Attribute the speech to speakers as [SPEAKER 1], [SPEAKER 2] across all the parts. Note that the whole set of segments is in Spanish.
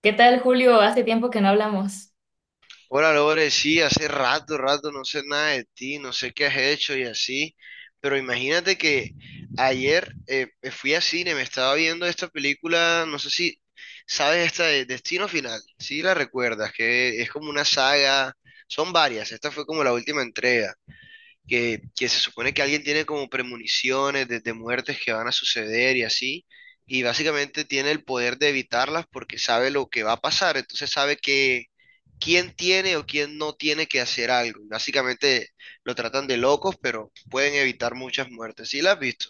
[SPEAKER 1] ¿Qué tal, Julio? Hace tiempo que no hablamos.
[SPEAKER 2] Hola Lore, sí, hace rato no sé nada de ti, no sé qué has hecho y así, pero imagínate que ayer fui a cine, me estaba viendo esta película, no sé si sabes esta de Destino Final, sí la recuerdas, que es como una saga, son varias, esta fue como la última entrega que se supone que alguien tiene como premoniciones de muertes que van a suceder y así, y básicamente tiene el poder de evitarlas porque sabe lo que va a pasar, entonces sabe que quién tiene o quién no tiene que hacer algo. Y básicamente lo tratan de locos, pero pueden evitar muchas muertes. ¿Sí las has visto?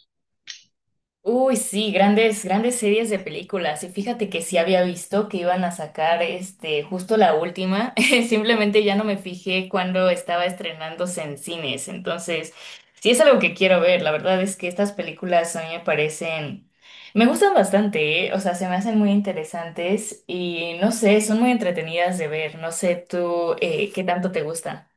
[SPEAKER 1] Uy, sí, grandes series de películas. Y fíjate que sí había visto que iban a sacar este, justo la última. Simplemente ya no me fijé cuando estaba estrenándose en cines. Entonces, sí es algo que quiero ver. La verdad es que estas películas a mí me parecen, me gustan bastante, ¿eh? O sea, se me hacen muy interesantes y no sé, son muy entretenidas de ver. No sé tú, qué tanto te gustan.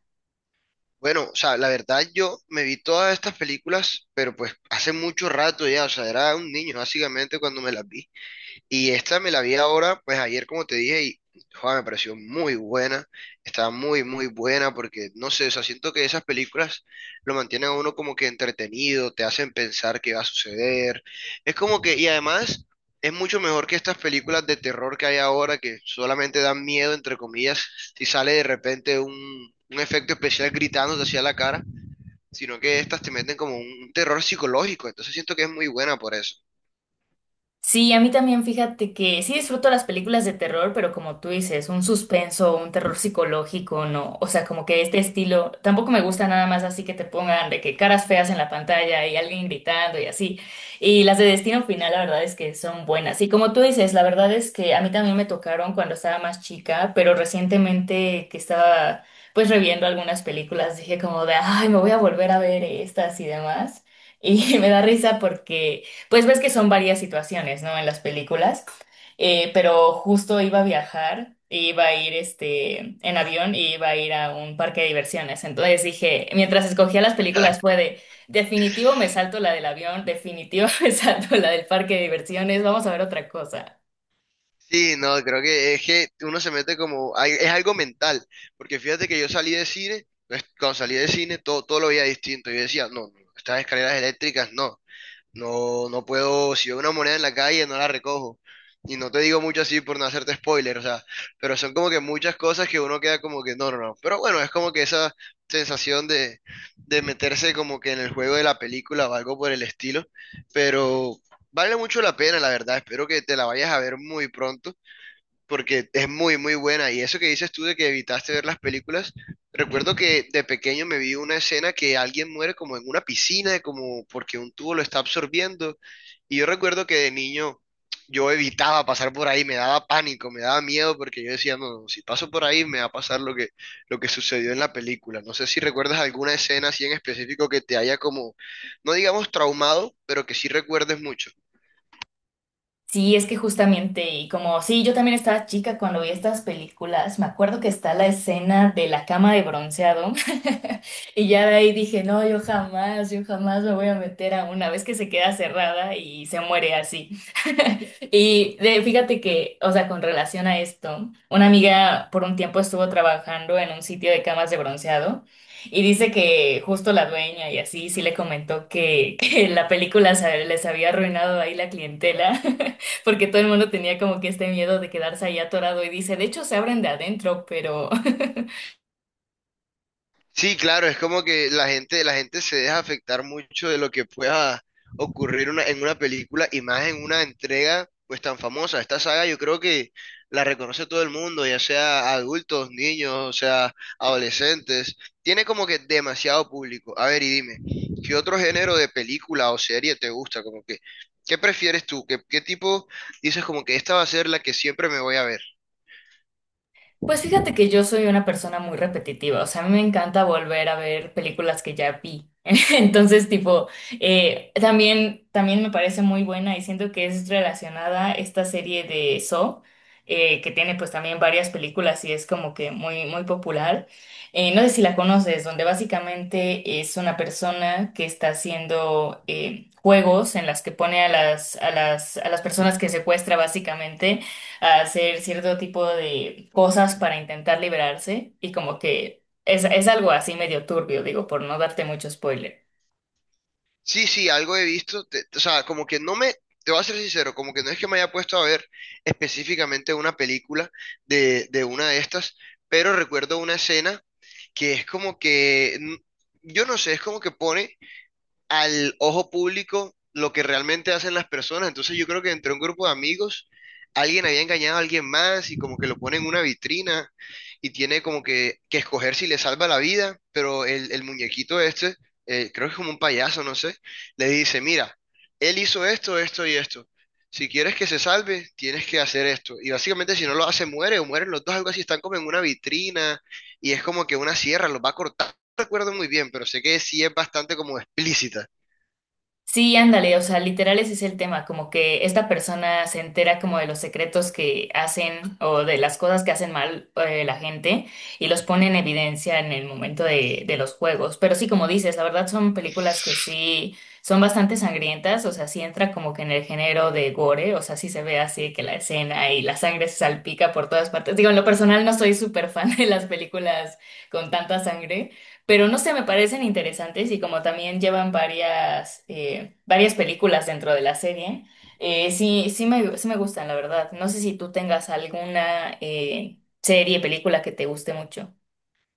[SPEAKER 2] Bueno, o sea, la verdad yo me vi todas estas películas, pero pues hace mucho rato ya, o sea, era un niño básicamente cuando me las vi. Y esta me la vi ahora, pues ayer como te dije, y joder, me pareció muy buena, estaba muy, muy buena porque, no sé, o sea, siento que esas películas lo mantienen a uno como que entretenido, te hacen pensar qué va a suceder. Es como que, y además es mucho mejor que estas películas de terror que hay ahora que solamente dan miedo, entre comillas, si sale de repente un efecto especial gritándote hacia la cara, sino que estas te meten como un terror psicológico, entonces siento que es muy buena por eso.
[SPEAKER 1] Sí, a mí también fíjate que sí disfruto las películas de terror, pero como tú dices, un suspenso, un terror psicológico, no, o sea, como que este estilo, tampoco me gusta nada más así que te pongan de que caras feas en la pantalla y alguien gritando y así. Y las de Destino Final, la verdad es que son buenas. Y como tú dices, la verdad es que a mí también me tocaron cuando estaba más chica, pero recientemente que estaba pues reviendo algunas películas, dije como de, ay, me voy a volver a ver estas y demás. Y me da risa porque... Pues ves que son varias situaciones, ¿no? En las películas, pero justo iba a viajar, iba a ir este, en avión y iba a ir a un parque de diversiones. Entonces dije, mientras escogía las películas fue de, definitivo me salto la del avión, definitivo me salto la del parque de diversiones, vamos a ver otra cosa.
[SPEAKER 2] Sí, no, creo que es que uno se mete como, es algo mental, porque fíjate que yo salí de cine, pues, cuando salí de cine todo, todo lo veía distinto, yo decía, no, no, estas escaleras eléctricas no, no, no puedo, si veo una moneda en la calle no la recojo, y no te digo mucho así por no hacerte spoiler, o sea, pero son como que muchas cosas que uno queda como que no, no, no, pero bueno, es como que esa sensación de meterse como que en el juego de la película o algo por el estilo, pero... Vale mucho la pena, la verdad. Espero que te la vayas a ver muy pronto porque es muy, muy buena. Y eso que dices tú de que evitaste ver las películas, recuerdo que de pequeño me vi una escena que alguien muere como en una piscina, como porque un tubo lo está absorbiendo. Y yo recuerdo que de niño yo evitaba pasar por ahí, me daba pánico, me daba miedo, porque yo decía, no, no, si paso por ahí me va a pasar lo que sucedió en la película. No sé si recuerdas alguna escena así en específico que te haya como, no digamos traumado, pero que sí recuerdes mucho.
[SPEAKER 1] Sí, es que justamente, y como sí, yo también estaba chica cuando vi estas películas, me acuerdo que está la escena de la cama de bronceado, y ya de ahí dije, no, yo jamás me voy a meter a una vez que se queda cerrada y se muere así. Y de- fíjate que, o sea, con relación a esto, una amiga por un tiempo estuvo trabajando en un sitio de camas de bronceado y dice que justo la dueña y así sí le comentó que, que la película se- les había arruinado ahí la clientela porque todo el mundo tenía como que este miedo de quedarse ahí atorado y dice, de hecho se abren de adentro, pero
[SPEAKER 2] Sí, claro, es como que la gente se deja afectar mucho de lo que pueda ocurrir en una película y más en una entrega pues tan famosa. Esta saga yo creo que la reconoce todo el mundo, ya sea adultos, niños, o sea, adolescentes. Tiene como que demasiado público. A ver, y dime, ¿qué otro género de película o serie te gusta? Como que, ¿qué prefieres tú? ¿Qué, qué tipo dices como que esta va a ser la que siempre me voy a ver?
[SPEAKER 1] Pues fíjate que yo soy una persona muy repetitiva, o sea, a mí me encanta volver a ver películas que ya vi. Entonces, tipo, también me parece muy buena y siento que es relacionada esta serie de Saw, que tiene pues también varias películas y es como que muy, muy popular. No sé si la conoces, donde básicamente es una persona que está haciendo juegos en las que pone a las personas que secuestra básicamente a hacer cierto tipo de cosas para intentar liberarse y como que es algo así medio turbio, digo, por no darte mucho spoiler.
[SPEAKER 2] Sí, sí, algo he visto, o sea, como que no me, te voy a ser sincero, como que no es que me haya puesto a ver específicamente una película de una de estas, pero recuerdo una escena que es como que, yo no sé, es como que pone al ojo público lo que realmente hacen las personas. Entonces yo creo que entre un grupo de amigos, alguien había engañado a alguien más y como que lo pone en una vitrina y tiene como que escoger si le salva la vida, pero el muñequito este, creo que es como un payaso, no sé, le dice, mira, él hizo esto, esto y esto. Si quieres que se salve, tienes que hacer esto. Y básicamente si no lo hace, muere o mueren los dos, algo así, están como en una vitrina y es como que una sierra los va a cortar. No recuerdo muy bien, pero sé que sí es bastante como explícita.
[SPEAKER 1] Sí, ándale, o sea, literal ese es el tema, como que esta persona se entera como de los secretos que hacen o de las cosas que hacen mal la gente y los pone en evidencia en el momento de los juegos. Pero sí, como dices, la verdad son películas que sí son bastante sangrientas, o sea, sí entra como que en el género de gore, o sea, sí se ve así de que la escena y la sangre se salpica por todas partes. Digo, en lo personal no soy súper fan de las películas con tanta sangre. Pero no sé, me parecen interesantes y como también llevan varias, varias películas dentro de la serie, sí, sí me gustan, la verdad. No sé si tú tengas alguna serie, película que te guste mucho.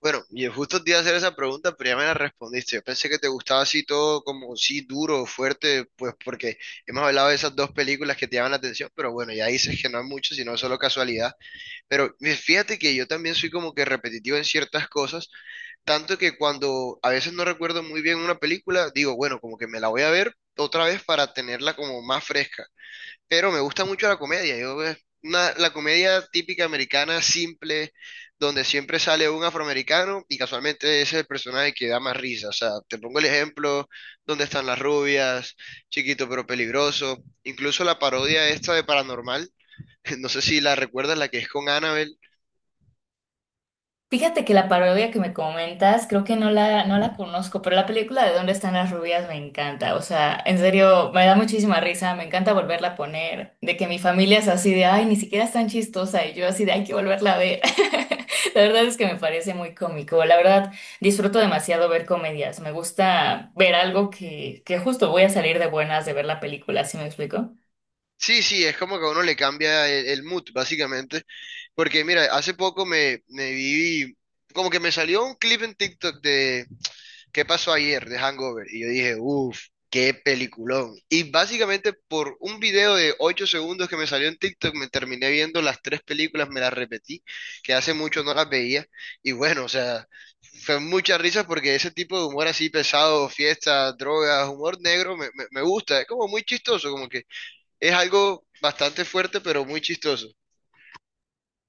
[SPEAKER 2] Bueno, y justo te iba a hacer esa pregunta, pero ya me la respondiste. Yo pensé que te gustaba así todo como sí duro, fuerte, pues porque hemos hablado de esas dos películas que te llaman la atención, pero bueno, ya dices que no es mucho, sino solo casualidad. Pero fíjate que yo también soy como que repetitivo en ciertas cosas, tanto que cuando a veces no recuerdo muy bien una película, digo, bueno, como que me la voy a ver otra vez para tenerla como más fresca pero me gusta mucho la comedia. Yo, es una, la comedia típica americana, simple, donde siempre sale un afroamericano y casualmente ese es el personaje que da más risa. O sea, te pongo el ejemplo, ¿Dónde están las rubias? Chiquito pero peligroso. Incluso la parodia esta de Paranormal, no sé si la recuerdas, la que es con Annabelle.
[SPEAKER 1] Fíjate que la parodia que me comentas, creo que no la conozco, pero la película de ¿Dónde están las rubias? Me encanta. O sea, en serio, me da muchísima risa, me encanta volverla a poner, de que mi familia es así de, ay, ni siquiera es tan chistosa, y yo así de, hay que volverla a ver. La verdad es que me parece muy cómico. La verdad, disfruto demasiado ver comedias. Me gusta ver algo que justo voy a salir de buenas de ver la película, ¿sí me explico?
[SPEAKER 2] Sí, sí, es como que a uno le cambia el mood, básicamente. Porque mira, hace poco me vi, como que me salió un clip en TikTok de ¿Qué pasó ayer de Hangover? Y yo dije, uff, qué peliculón. Y básicamente por un video de 8 segundos que me salió en TikTok, me terminé viendo las tres películas, me las repetí, que hace mucho no las veía. Y bueno, o sea, fue muchas risas porque ese tipo de humor así pesado, fiesta, drogas, humor negro, me gusta. Es como muy chistoso, como que es algo bastante fuerte, pero muy chistoso.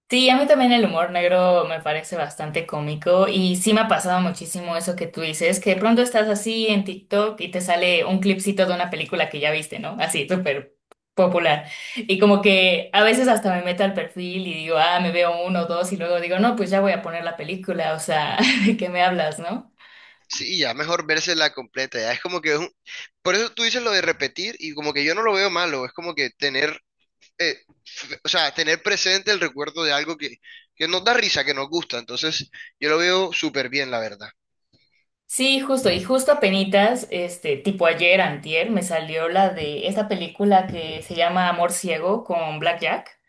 [SPEAKER 1] Sí, a mí también el humor negro me parece bastante cómico y sí me ha pasado muchísimo eso que tú dices, que de pronto estás así en TikTok y te sale un clipcito de una película que ya viste, ¿no? Así, súper popular. Y como que a veces hasta me meto al perfil y digo, ah, me veo uno o dos y luego digo, no, pues ya voy a poner la película, o sea, ¿de qué me hablas, no?
[SPEAKER 2] Sí, ya mejor vérsela completa, ya es como que es un... Por eso tú dices lo de repetir y como que yo no lo veo malo, es como que tener eh, o sea, tener presente el recuerdo de algo que nos da risa, que nos gusta. Entonces, yo lo veo súper bien, la verdad.
[SPEAKER 1] Sí, justo, y justo apenitas, este, tipo ayer, antier, me salió la de esta película que se llama Amor Ciego con Black Jack.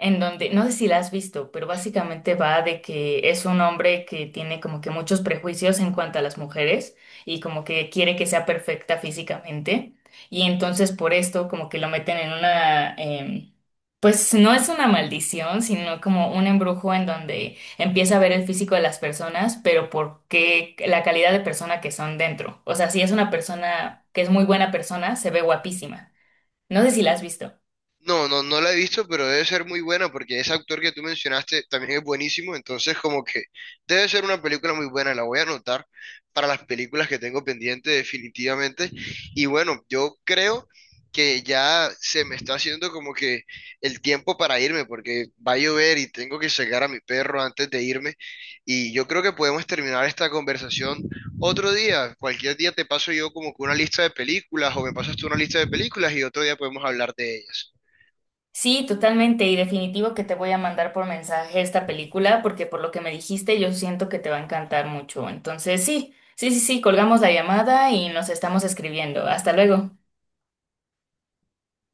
[SPEAKER 1] En donde, no sé si la has visto, pero básicamente va de que es un hombre que tiene como que muchos prejuicios en cuanto a las mujeres y como que quiere que sea perfecta físicamente y entonces por esto como que lo meten en una, pues no es una maldición, sino como un embrujo en donde empieza a ver el físico de las personas, pero por qué la calidad de persona que son dentro. O sea, si es una persona que es muy buena persona, se ve guapísima. No sé si la has visto.
[SPEAKER 2] No, no, no la he visto, pero debe ser muy buena porque ese actor que tú mencionaste también es buenísimo, entonces como que debe ser una película muy buena, la voy a anotar para las películas que tengo pendiente definitivamente. Y bueno, yo creo que ya se me está haciendo como que el tiempo para irme porque va a llover y tengo que sacar a mi perro antes de irme y yo creo que podemos terminar esta conversación otro día, cualquier día te paso yo como que una lista de películas o me pasas tú una lista de películas y otro día podemos hablar de ellas.
[SPEAKER 1] Sí, totalmente y definitivo que te voy a mandar por mensaje esta película porque por lo que me dijiste yo siento que te va a encantar mucho. Entonces, sí, sí, sí, sí, colgamos la llamada y nos estamos escribiendo. Hasta luego.